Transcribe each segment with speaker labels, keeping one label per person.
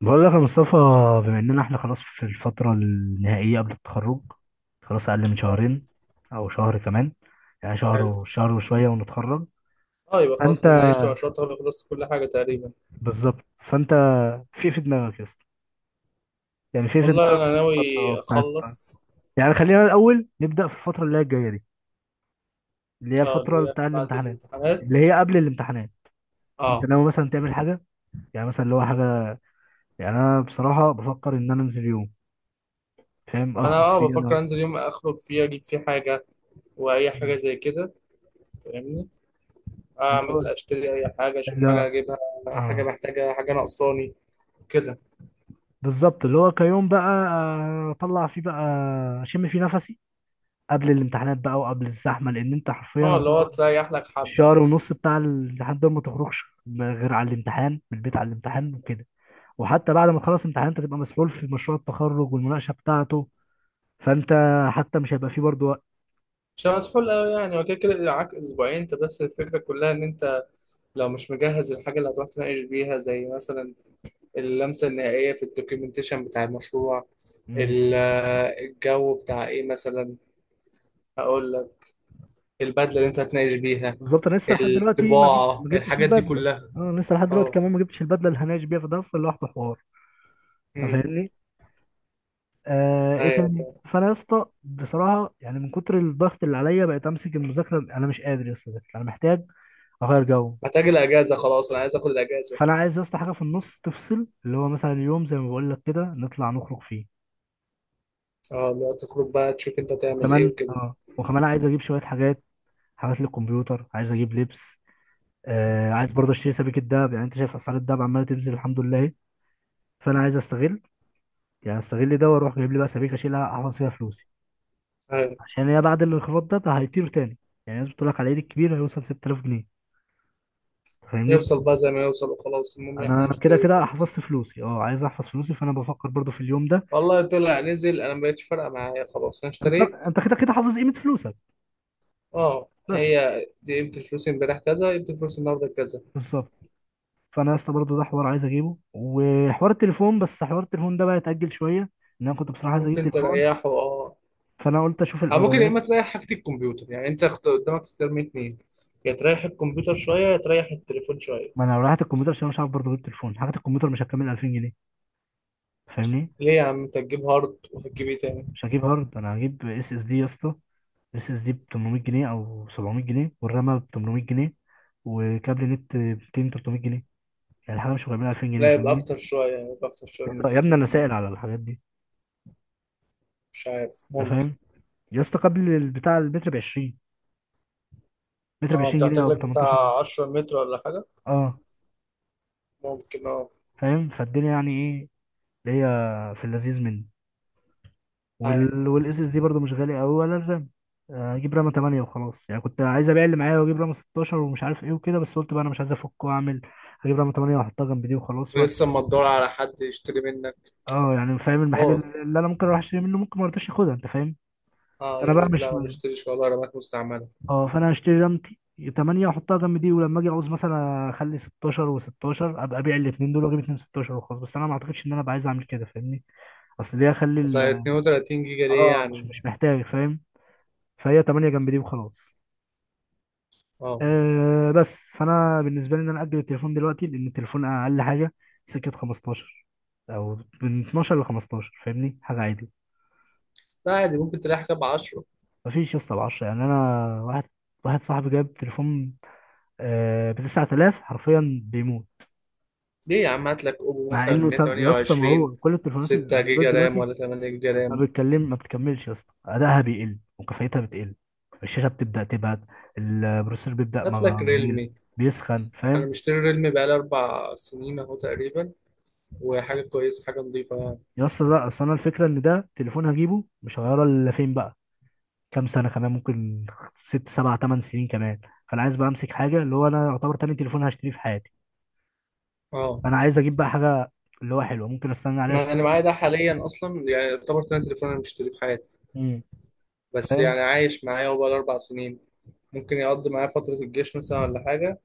Speaker 1: بقول لك يا مصطفى، بما اننا احنا خلاص في الفترة النهائية قبل التخرج. خلاص اقل من
Speaker 2: اه.
Speaker 1: شهرين او شهر كمان. يعني شهر
Speaker 2: حلو.
Speaker 1: وشهر وشوية ونتخرج.
Speaker 2: اه، يبقى خلاص
Speaker 1: فانت
Speaker 2: من عيشت وعشرتها خلصت كل حاجة تقريبا.
Speaker 1: بالظبط فانت في إيه في دماغك يا اسطى؟ يعني في إيه في
Speaker 2: والله
Speaker 1: دماغك
Speaker 2: أنا ناوي
Speaker 1: في الفترة بتاعت؟
Speaker 2: أخلص.
Speaker 1: يعني خلينا الاول نبدأ في الفترة اللي هي الجاية دي، اللي هي
Speaker 2: اه،
Speaker 1: الفترة
Speaker 2: اللي هي
Speaker 1: بتاع
Speaker 2: بعد
Speaker 1: الامتحانات،
Speaker 2: الامتحانات.
Speaker 1: اللي هي قبل الامتحانات. انت
Speaker 2: اه،
Speaker 1: ناوي مثلا تعمل حاجة؟ يعني مثلا اللي هو حاجة. يعني انا بصراحة بفكر ان انا انزل يوم فاهم،
Speaker 2: أنا
Speaker 1: اخرج فيه
Speaker 2: اه بفكر
Speaker 1: انا.
Speaker 2: أنزل يوم أخرج فيه أجيب فيه حاجة وأي حاجة زي كده، فاهمني،
Speaker 1: اللي هو
Speaker 2: أعمل أشتري أي حاجة أشوف حاجة
Speaker 1: لا،
Speaker 2: أجيبها. حاجة
Speaker 1: اه،
Speaker 2: محتاجة، حاجة ناقصاني كده.
Speaker 1: بالظبط، اللي هو كيوم بقى اطلع فيه بقى، اشم فيه نفسي قبل الامتحانات بقى وقبل الزحمه، لان انت حرفيا
Speaker 2: اه اللي هو
Speaker 1: هتقعد
Speaker 2: تريح لك حبة.
Speaker 1: الشهر ونص بتاع الامتحان ده ما تخرجش غير على الامتحان، من البيت على الامتحان وكده. وحتى بعد ما تخلص الامتحان انت تبقى مسحول في مشروع التخرج والمناقشه بتاعته. فانت حتى مش هيبقى فيه برضه وقت.
Speaker 2: عشان مسحول أوي يعني، وكده كده كده معاك أسبوعين أنت، بس الفكرة كلها إن أنت لو مش مجهز الحاجة اللي هتروح تناقش بيها، زي مثلا اللمسة النهائية في الدوكيومنتيشن بتاع المشروع.
Speaker 1: مم.
Speaker 2: ال- الجو بتاع ايه مثلا، هقول لك، البدلة اللي انت هتناقش بيها،
Speaker 1: بالظبط، انا لسه لحد دلوقتي
Speaker 2: الطباعة،
Speaker 1: ما جبتش
Speaker 2: الحاجات دي
Speaker 1: البدله.
Speaker 2: كلها.
Speaker 1: انا لسه لحد دلوقتي
Speaker 2: اه.
Speaker 1: كمان ما جبتش البدله اللي هناقش بيها، فده اصلا لوحده حوار. أنت
Speaker 2: امم.
Speaker 1: فاهمني؟ آه، ايه
Speaker 2: ايوه
Speaker 1: تاني؟
Speaker 2: فاهم.
Speaker 1: فانا يا اسطى بصراحه يعني من كتر الضغط اللي عليا بقيت امسك المذاكره، انا مش قادر يا اسطى أذاكر. انا محتاج اغير جو.
Speaker 2: محتاج الاجازة خلاص، انا عايز اخد الاجازة.
Speaker 1: فانا عايز يا اسطى حاجه في النص تفصل، اللي هو مثلا يوم زي ما بقول لك كده نطلع نخرج فيه.
Speaker 2: اه اللي هو تخرج بقى تشوف انت تعمل ايه
Speaker 1: وكمان
Speaker 2: وكده.
Speaker 1: اه، وكمان عايز اجيب شويه حاجات، حاجات للكمبيوتر، عايز اجيب لبس. آه، عايز برضه اشتري سبيكه دهب. يعني انت شايف اسعار الدهب عماله تنزل، الحمد لله. فانا عايز استغل، يعني استغل ده واروح جايب لي بقى سبيكه اشيلها احفظ فيها فلوسي.
Speaker 2: ايوه.
Speaker 1: عشان هي بعد الانخفاض ده، هيطير تاني. يعني الناس بتقول لك على العيد الكبير هيوصل 6000 جنيه. فاهمني؟
Speaker 2: يوصل بقى زي ما يوصل وخلاص، المهم احنا
Speaker 1: انا كده
Speaker 2: نشتري
Speaker 1: كده
Speaker 2: وخلاص.
Speaker 1: حفظت فلوسي، اه عايز احفظ فلوسي، فانا بفكر برضو في اليوم ده.
Speaker 2: والله طلع نزل انا ما بقتش فارقة معايا، خلاص انا
Speaker 1: انت
Speaker 2: اشتريت.
Speaker 1: انت كده كده حافظ قيمه فلوسك،
Speaker 2: اه،
Speaker 1: بس.
Speaker 2: هي دي قيمة الفلوس امبارح كذا، قيمة الفلوس النهارده كذا.
Speaker 1: بالظبط. فانا لسه برضو ده حوار عايز اجيبه، وحوار التليفون، بس حوار التليفون ده بقى يتاجل شويه. ان انا كنت بصراحه عايز اجيب
Speaker 2: ممكن
Speaker 1: تليفون،
Speaker 2: تريحه اه.
Speaker 1: فانا قلت اشوف
Speaker 2: أو ممكن يا إما
Speaker 1: الاولويات.
Speaker 2: تريح حاجة الكمبيوتر، يعني أنت قدامك اختيار من اتنين، يا تريح الكمبيوتر شوية يا تريح التليفون شويه.
Speaker 1: ما انا لو رحت الكمبيوتر، عشان أنا مش عارف برضو اجيب تليفون، حاجه الكمبيوتر مش هتكمل 2000 جنيه. فاهمني؟
Speaker 2: ليه يا عم أنت تجيب هارد وهتجيب إيه تاني؟
Speaker 1: مش هجيب هارد، انا هجيب اس اس دي يا اسطى. اس اس دي ب 800 جنيه او 700 جنيه، والرامه ب 800 جنيه، وكابل نت ب 200 300 جنيه. يعني الحاجه مش مكمله 2000 جنيه،
Speaker 2: لا يبقى
Speaker 1: فاهمني؟
Speaker 2: أكتر شوية، يبقى أكتر شوية من
Speaker 1: لا يا
Speaker 2: 200
Speaker 1: ابني، انا
Speaker 2: 300.
Speaker 1: سائل على الحاجات دي.
Speaker 2: مش عارف،
Speaker 1: انت
Speaker 2: ممكن.
Speaker 1: فاهم؟ يا اسطى قبل البتاع المتر ب 20، متر ب
Speaker 2: أه أنت
Speaker 1: 20 جنيه
Speaker 2: محتاج
Speaker 1: او ب
Speaker 2: لك
Speaker 1: 18 جنيه.
Speaker 2: بتاع 10 متر ولا حاجة؟
Speaker 1: اه
Speaker 2: ممكن أه.
Speaker 1: فاهم، فالدنيا يعني ايه، اللي هي في اللذيذ منه.
Speaker 2: عارف.
Speaker 1: والاس اس دي برضه مش غالي قوي، ولا الرام. اجيب رامه 8 وخلاص. يعني كنت عايز ابيع اللي معايا واجيب رامه 16 ومش عارف ايه وكده، بس قلت بقى انا مش عايز افك واعمل. هجيب رامه 8 واحطها جنب دي وخلاص وقت.
Speaker 2: ولسه أما تدور على حد يشتري منك.
Speaker 1: اه يعني فاهم، المحل
Speaker 2: أوه.
Speaker 1: اللي انا ممكن اروح اشتري منه ممكن ما رضاش ياخدها، انت فاهم.
Speaker 2: أه
Speaker 1: فانا
Speaker 2: يقول
Speaker 1: بقى
Speaker 2: لك
Speaker 1: مش،
Speaker 2: لا ما بشتريش والله رامات مستعملة.
Speaker 1: اه، فانا هشتري رمتي 8 واحطها جنب دي، ولما اجي اعوز مثلا اخلي 16 و16، ابقى ابيع الاثنين دول واجيب اثنين 16 وخلاص. بس انا ما اعتقدش ان انا ابقى عايز اعمل كده، فاهمني؟ اصل ليه اخلي
Speaker 2: بس هي 32 جيجا ليه
Speaker 1: مش
Speaker 2: يعني؟
Speaker 1: مش محتاج، فاهم؟ فهي 8 جنب دي وخلاص.
Speaker 2: أه.
Speaker 1: آه بس فانا بالنسبه لي ان انا اجل التليفون دلوقتي، لان التليفون اقل حاجه سكه 15، او من 12 ل 15، فاهمني، حاجه عادي.
Speaker 2: لا عادي، ممكن تريح كام 10.
Speaker 1: مفيش يا اسطى ب 10. يعني انا واحد، صاحبي جاب تليفون آه ب 9000، حرفيا بيموت
Speaker 2: ليه يا عم، هات لك اوبو
Speaker 1: مع
Speaker 2: مثلا
Speaker 1: انه يا اسطى، ما
Speaker 2: 128،
Speaker 1: هو كل التليفونات
Speaker 2: 6
Speaker 1: الاندرويد
Speaker 2: جيجا رام
Speaker 1: دلوقتي
Speaker 2: ولا 8 جيجا رام.
Speaker 1: ما بتكملش يا اسطى، ادائها بيقل وكفايتها بتقل، الشاشه بتبدا تبعد، البروسيسور بيبدا
Speaker 2: هات لك
Speaker 1: يقل،
Speaker 2: ريلمي،
Speaker 1: بيسخن،
Speaker 2: انا
Speaker 1: فاهم؟
Speaker 2: مشتري ريلمي بقالي اربع سنين اهو تقريبا، وحاجه كويسه، حاجه نظيفه يعني.
Speaker 1: يا اسطى لا، اصل انا الفكره ان ده تليفون هجيبه مش هغيره الا فين بقى، كام سنه كمان، ممكن ست سبع تمن سنين كمان. فانا عايز بقى امسك حاجه، اللي هو انا يعتبر تاني تليفون هشتريه في حياتي،
Speaker 2: اه
Speaker 1: فانا عايز اجيب بقى حاجه اللي هو حلوه، ممكن استنى عليها
Speaker 2: ما انا
Speaker 1: شويه.
Speaker 2: معايا ده حاليا، اصلا يعني يعتبر تاني تليفون انا مشتريه في حياتي،
Speaker 1: امم
Speaker 2: بس يعني
Speaker 1: فاهم؟
Speaker 2: عايش معايا، هو بقاله اربع سنين. ممكن يقضي معايا فتره الجيش مثلا ولا حاجه،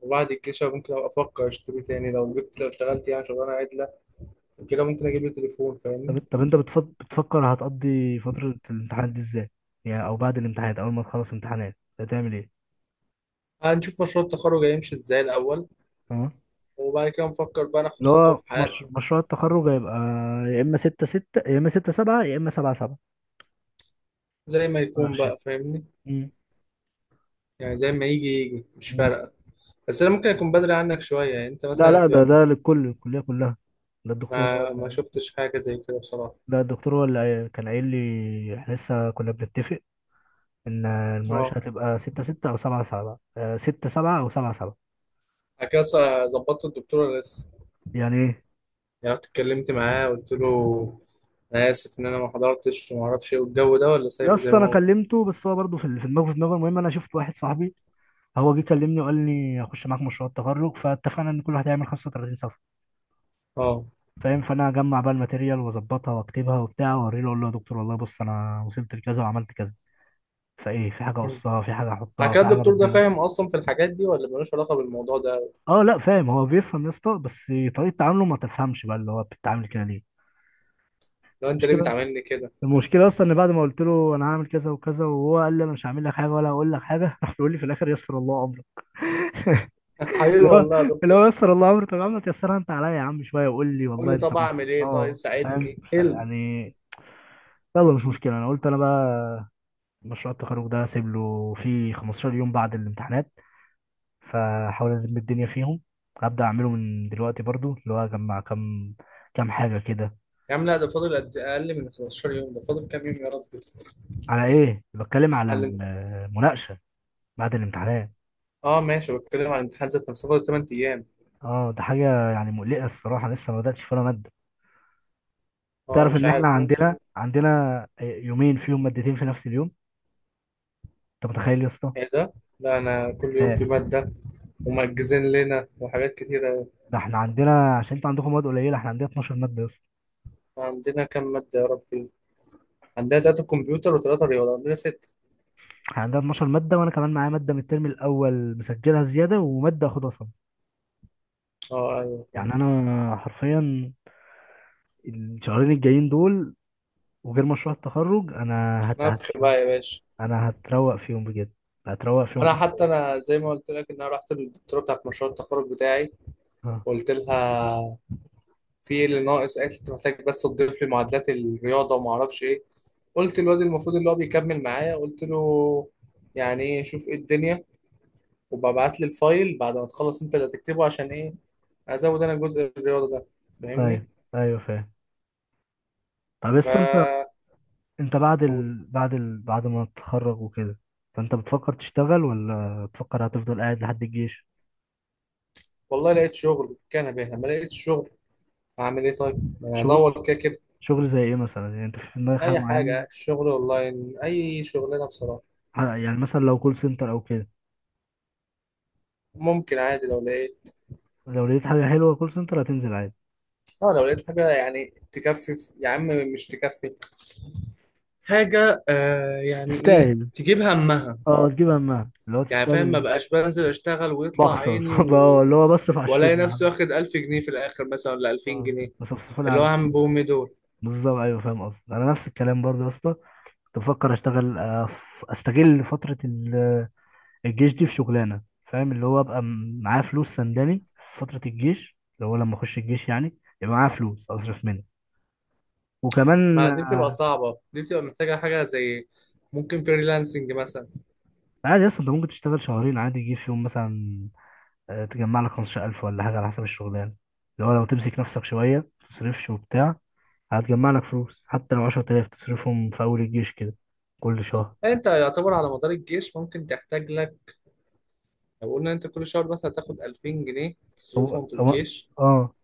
Speaker 2: وبعد الجيش أنا ممكن ابقى افكر اشتري تاني، لو جبت، لو اشتغلت يعني شغلانه عدله وكده، ممكن اجيب لي تليفون،
Speaker 1: طب
Speaker 2: فاهمني.
Speaker 1: طب انت بتفكر هتقضي فترة الامتحانات دي ازاي؟ يعني او بعد الامتحانات، اول ما تخلص امتحانات هتعمل ايه؟
Speaker 2: هنشوف مشروع التخرج هيمشي ازاي الاول،
Speaker 1: اه،
Speaker 2: وبعد كده نفكر بقى ناخد
Speaker 1: اللي
Speaker 2: خطوة
Speaker 1: هو
Speaker 2: في
Speaker 1: مش...
Speaker 2: حياتنا.
Speaker 1: مشروع التخرج هيبقى يا اما ستة ستة، يا اما ستة سبعة، يا اما سبعة سبعة
Speaker 2: زي ما يكون
Speaker 1: مناقشة.
Speaker 2: بقى، فاهمني.
Speaker 1: مم.
Speaker 2: يعني زي ما يجي يجي، مش
Speaker 1: مم.
Speaker 2: فارقة. بس أنا ممكن أكون بدري عنك شوية، يعني أنت
Speaker 1: لا
Speaker 2: مثلا
Speaker 1: لا، ده
Speaker 2: هتبقى
Speaker 1: ده
Speaker 2: ما.
Speaker 1: للكل، الكلية كلها. ده الدكتور هو
Speaker 2: ما
Speaker 1: اللي،
Speaker 2: شفتش حاجة زي كده بصراحة.
Speaker 1: ده الدكتور هو اللي كان قايل لي، احنا لسه كنا بنتفق ان المناقشة
Speaker 2: أه.
Speaker 1: هتبقى ستة ستة او سبعة سبعة، ستة سبعة او سبعة سبعة.
Speaker 2: بعد كده ظبطت الدكتورة لسه.
Speaker 1: يعني ايه؟
Speaker 2: يعني رحت اتكلمت معاه، قلت له أنا آسف إن أنا ما حضرتش وما أعرفش إيه، والجو ده ولا
Speaker 1: يا
Speaker 2: سايبه زي
Speaker 1: اسطى
Speaker 2: ما
Speaker 1: انا
Speaker 2: هو.
Speaker 1: كلمته، بس هو برضه في في دماغه، في دماغه. المهم انا شفت واحد صاحبي، هو جه كلمني وقال لي اخش معاك مشروع التخرج، فاتفقنا ان كل واحد هيعمل 35 صفحه،
Speaker 2: أه.
Speaker 1: فاهم؟ فانا اجمع بقى الماتيريال واظبطها واكتبها وبتاع، واوريه له اقول له يا دكتور والله بص انا وصلت لكذا وعملت كذا، فايه؟ في حاجه
Speaker 2: مم.
Speaker 1: اقصها، في حاجه
Speaker 2: بعد
Speaker 1: احطها،
Speaker 2: كده
Speaker 1: في حاجه
Speaker 2: الدكتور ده
Speaker 1: ابدلها.
Speaker 2: فاهم أصلا في الحاجات دي ولا ملوش علاقة بالموضوع ده؟
Speaker 1: اه لا فاهم، هو بيفهم يا اسطى، بس طريقه تعامله ما تفهمش بقى، اللي هو بتتعامل كده ليه؟
Speaker 2: لو أنت ليه
Speaker 1: المشكله
Speaker 2: بتعاملني كده.
Speaker 1: المشكله اصلا ان بعد ما قلت له انا هعمل كذا وكذا، وهو قال لي انا مش هعمل لك حاجه ولا هقول لك حاجه، راح بيقول لي في الاخر يسر الله امرك.
Speaker 2: حبيبي
Speaker 1: اللي هو
Speaker 2: والله يا
Speaker 1: اللي
Speaker 2: دكتور.
Speaker 1: هو يسر الله امره؟ طب يا عم تيسرها انت عليا يا عم شويه، وقول لي
Speaker 2: قول
Speaker 1: والله
Speaker 2: لي
Speaker 1: انت
Speaker 2: طب أعمل إيه، طيب
Speaker 1: اه فاهم،
Speaker 2: ساعدني إيه.
Speaker 1: يعني يلا مش مشكله. انا قلت انا بقى مشروع التخرج ده اسيب له فيه 15 يوم بعد الامتحانات، فحاول ازم الدنيا فيهم. هبدا اعمله من دلوقتي برضو، اللي هو اجمع كام حاجه كده.
Speaker 2: يا عم لا، ده فاضل قد اقل من 15 يوم، ده فاضل كام يوم يا رب.
Speaker 1: على ايه بتكلم، على
Speaker 2: علم.
Speaker 1: المناقشه بعد الامتحانات؟
Speaker 2: اه ماشي، بتكلم عن الامتحان ذات نفسه فاضل 8 ايام.
Speaker 1: اه ده حاجه يعني مقلقه الصراحه، لسه ما بداتش ولا ماده.
Speaker 2: اه
Speaker 1: تعرف
Speaker 2: مش
Speaker 1: ان احنا
Speaker 2: عارف، ممكن.
Speaker 1: عندنا يومين فيهم مادتين في نفس اليوم؟ انت متخيل يا اسطى؟
Speaker 2: ايه ده، لا انا كل يوم
Speaker 1: لا
Speaker 2: في ماده، ومأجزين لنا وحاجات كتيره.
Speaker 1: ده احنا عندنا، عشان انتوا عندكم مواد قليله، احنا عندنا 12 ماده يا اسطى.
Speaker 2: عندنا كام ماده يا ربي؟ عندنا تلاته كمبيوتر وتلاته رياضه، عندنا سته.
Speaker 1: احنا عندنا 12 ماده، وانا كمان معايا ماده من الترم الاول مسجلها زياده، وماده اخدها صم.
Speaker 2: اه ايوه فاهم.
Speaker 1: يعني انا حرفيا الشهرين الجايين دول، وغير مشروع التخرج، انا
Speaker 2: نفخ بقى يا باشا.
Speaker 1: انا هتروق فيهم بجد، هتروق فيهم
Speaker 2: انا حتى
Speaker 1: حرفيا.
Speaker 2: انا زي ما قلت لك ان انا رحت للدكتوره بتاعت مشروع التخرج بتاعي
Speaker 1: اه،
Speaker 2: وقلت لها في ايه اللي ناقص، قالت لي انت محتاج بس تضيف لي معادلات الرياضه وما اعرفش ايه. قلت للواد المفروض اللي هو بيكمل معايا، قلت له يعني ايه، شوف ايه الدنيا، وببعت لي الفايل بعد ما تخلص انت اللي هتكتبه، عشان ايه، ازود انا جزء الرياضه ده، فاهمني.
Speaker 1: ايوه ايوه فاهم. طب لسه انت،
Speaker 2: ف
Speaker 1: انت بعد بعد ما تتخرج وكده، فانت بتفكر تشتغل ولا بتفكر هتفضل قاعد لحد الجيش؟
Speaker 2: والله لقيت شغل كان بيها، ما لقيتش شغل هعمل ايه طيب، ما أنا
Speaker 1: شغل،
Speaker 2: هدور كده كده.
Speaker 1: شغل زي ايه مثلا؟ يعني انت في دماغك حاجه
Speaker 2: اي
Speaker 1: معينه؟
Speaker 2: حاجه، شغل اونلاين، اي شغلانه بصراحه.
Speaker 1: يعني مثلا لو كول سنتر او كده،
Speaker 2: ممكن عادي لو لقيت.
Speaker 1: لو لقيت حاجه حلوه كول سنتر هتنزل عادي؟
Speaker 2: اه لو لقيت حاجه يعني تكفي يا عم، مش تكفي، حاجة آه يعني إيه
Speaker 1: تستاهل،
Speaker 2: تجيب همها.
Speaker 1: اه تجيب همها، اللي هو
Speaker 2: يعني فاهم،
Speaker 1: تستاهل.
Speaker 2: ما بقاش بنزل أشتغل ويطلع
Speaker 1: بخسر،
Speaker 2: عيني و...
Speaker 1: اللي هو بصرف على
Speaker 2: وألاقي
Speaker 1: الشغل
Speaker 2: نفسي واخد ألف جنيه في الآخر مثلا ولا ألفين
Speaker 1: اه،
Speaker 2: جنيه،
Speaker 1: بصفصف لي
Speaker 2: اللي هو
Speaker 1: على،
Speaker 2: عم بومي دول.
Speaker 1: بالظبط ايوه فاهم قصدي. انا نفس الكلام برضه يا اسطى، كنت بفكر اشتغل، استغل فتره الجيش دي في شغلانه، فاهم؟ اللي هو ابقى معايا فلوس سنداني في فتره الجيش، اللي هو لما اخش الجيش يعني يبقى معايا فلوس اصرف منها. وكمان،
Speaker 2: ما دي بتبقى صعبة، دي بتبقى محتاجة حاجة زي ممكن فريلانسنج مثلا.
Speaker 1: عادي اصلا انت ممكن تشتغل شهرين عادي، يجي في يوم مثلا، تجمع لك 15000 ولا حاجة على حسب الشغلانة، اللي هو لو تمسك نفسك شوية متصرفش وبتاع هتجمع لك فلوس، حتى لو 10000 تصرفهم في أول الجيش كده، كل شهر.
Speaker 2: يعني أنت يعتبر على مدار الجيش ممكن تحتاج لك، لو قلنا أنت كل شهر مثلا تاخد ألفين جنيه
Speaker 1: هو
Speaker 2: تصرفهم في
Speaker 1: هو،
Speaker 2: الجيش،
Speaker 1: اه.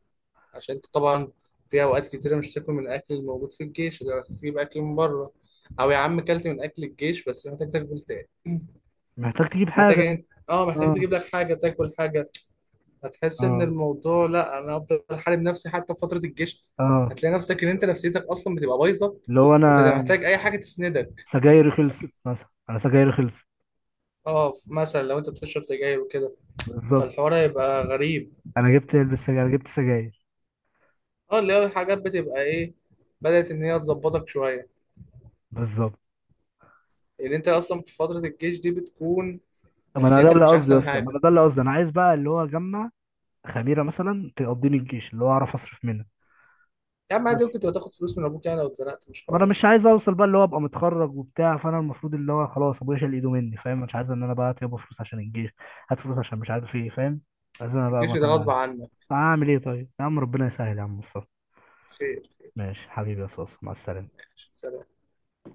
Speaker 2: عشان أنت طبعا في أوقات كتيرة مش تاكل من الأكل الموجود في الجيش، اللي تجيب أكل من بره، أو يا عم كلت من أكل الجيش بس محتاج تاكل،
Speaker 1: محتاج تجيب حاجة،
Speaker 2: محتاج، اه محتاج
Speaker 1: اه
Speaker 2: تجيب لك حاجه تاكل حاجه. هتحس ان
Speaker 1: اه.
Speaker 2: الموضوع، لا انا افضل حارب نفسي حتى في فتره الجيش.
Speaker 1: اه
Speaker 2: هتلاقي نفسك ان انت نفسيتك اصلا بتبقى بايظه،
Speaker 1: اللي هو
Speaker 2: انت
Speaker 1: أنا،
Speaker 2: محتاج اي حاجه تسندك.
Speaker 1: سجايري خلصت مثلا، أنا سجايري خلصت.
Speaker 2: اه مثلا لو انت بتشرب سجاير وكده،
Speaker 1: بالظبط،
Speaker 2: فالحوار هيبقى غريب.
Speaker 1: أنا جبت علبة سجاير، أنا جبت سجاير.
Speaker 2: اه اللي هو حاجات بتبقى ايه، بدات ان هي تظبطك شويه،
Speaker 1: بالظبط،
Speaker 2: لان انت اصلا في فتره الجيش دي بتكون
Speaker 1: ما أنا ده
Speaker 2: نفسيتك
Speaker 1: اللي
Speaker 2: مش
Speaker 1: قصدي
Speaker 2: احسن
Speaker 1: أصلا. ما
Speaker 2: حاجه.
Speaker 1: أنا ده اللي قصدي، أنا عايز بقى اللي هو أجمع خميرة مثلا تقضيني الجيش، اللي هو أعرف أصرف منها،
Speaker 2: يا عم
Speaker 1: بس.
Speaker 2: عادي، ممكن تبقى تاخد فلوس من ابوك يعني لو اتزنقت مش
Speaker 1: ما انا
Speaker 2: حوار.
Speaker 1: مش عايز اوصل بقى اللي هو ابقى متخرج وبتاع، فانا المفروض اللي هو خلاص ابويا شال ايده مني، فاهم؟ مش عايز ان انا بقى يابا فلوس عشان الجيش، هات فلوس عشان مش عارف ايه، فاهم؟ عايز انا
Speaker 2: في
Speaker 1: بقى ما
Speaker 2: الجيش ده
Speaker 1: تبقى
Speaker 2: غصب
Speaker 1: يعني،
Speaker 2: عنك.
Speaker 1: اعمل ايه طيب يا عم؟ ربنا يسهل يا عم مصطفى.
Speaker 2: خير خير.
Speaker 1: ماشي حبيبي يا صوص، مع السلامه.
Speaker 2: سلام.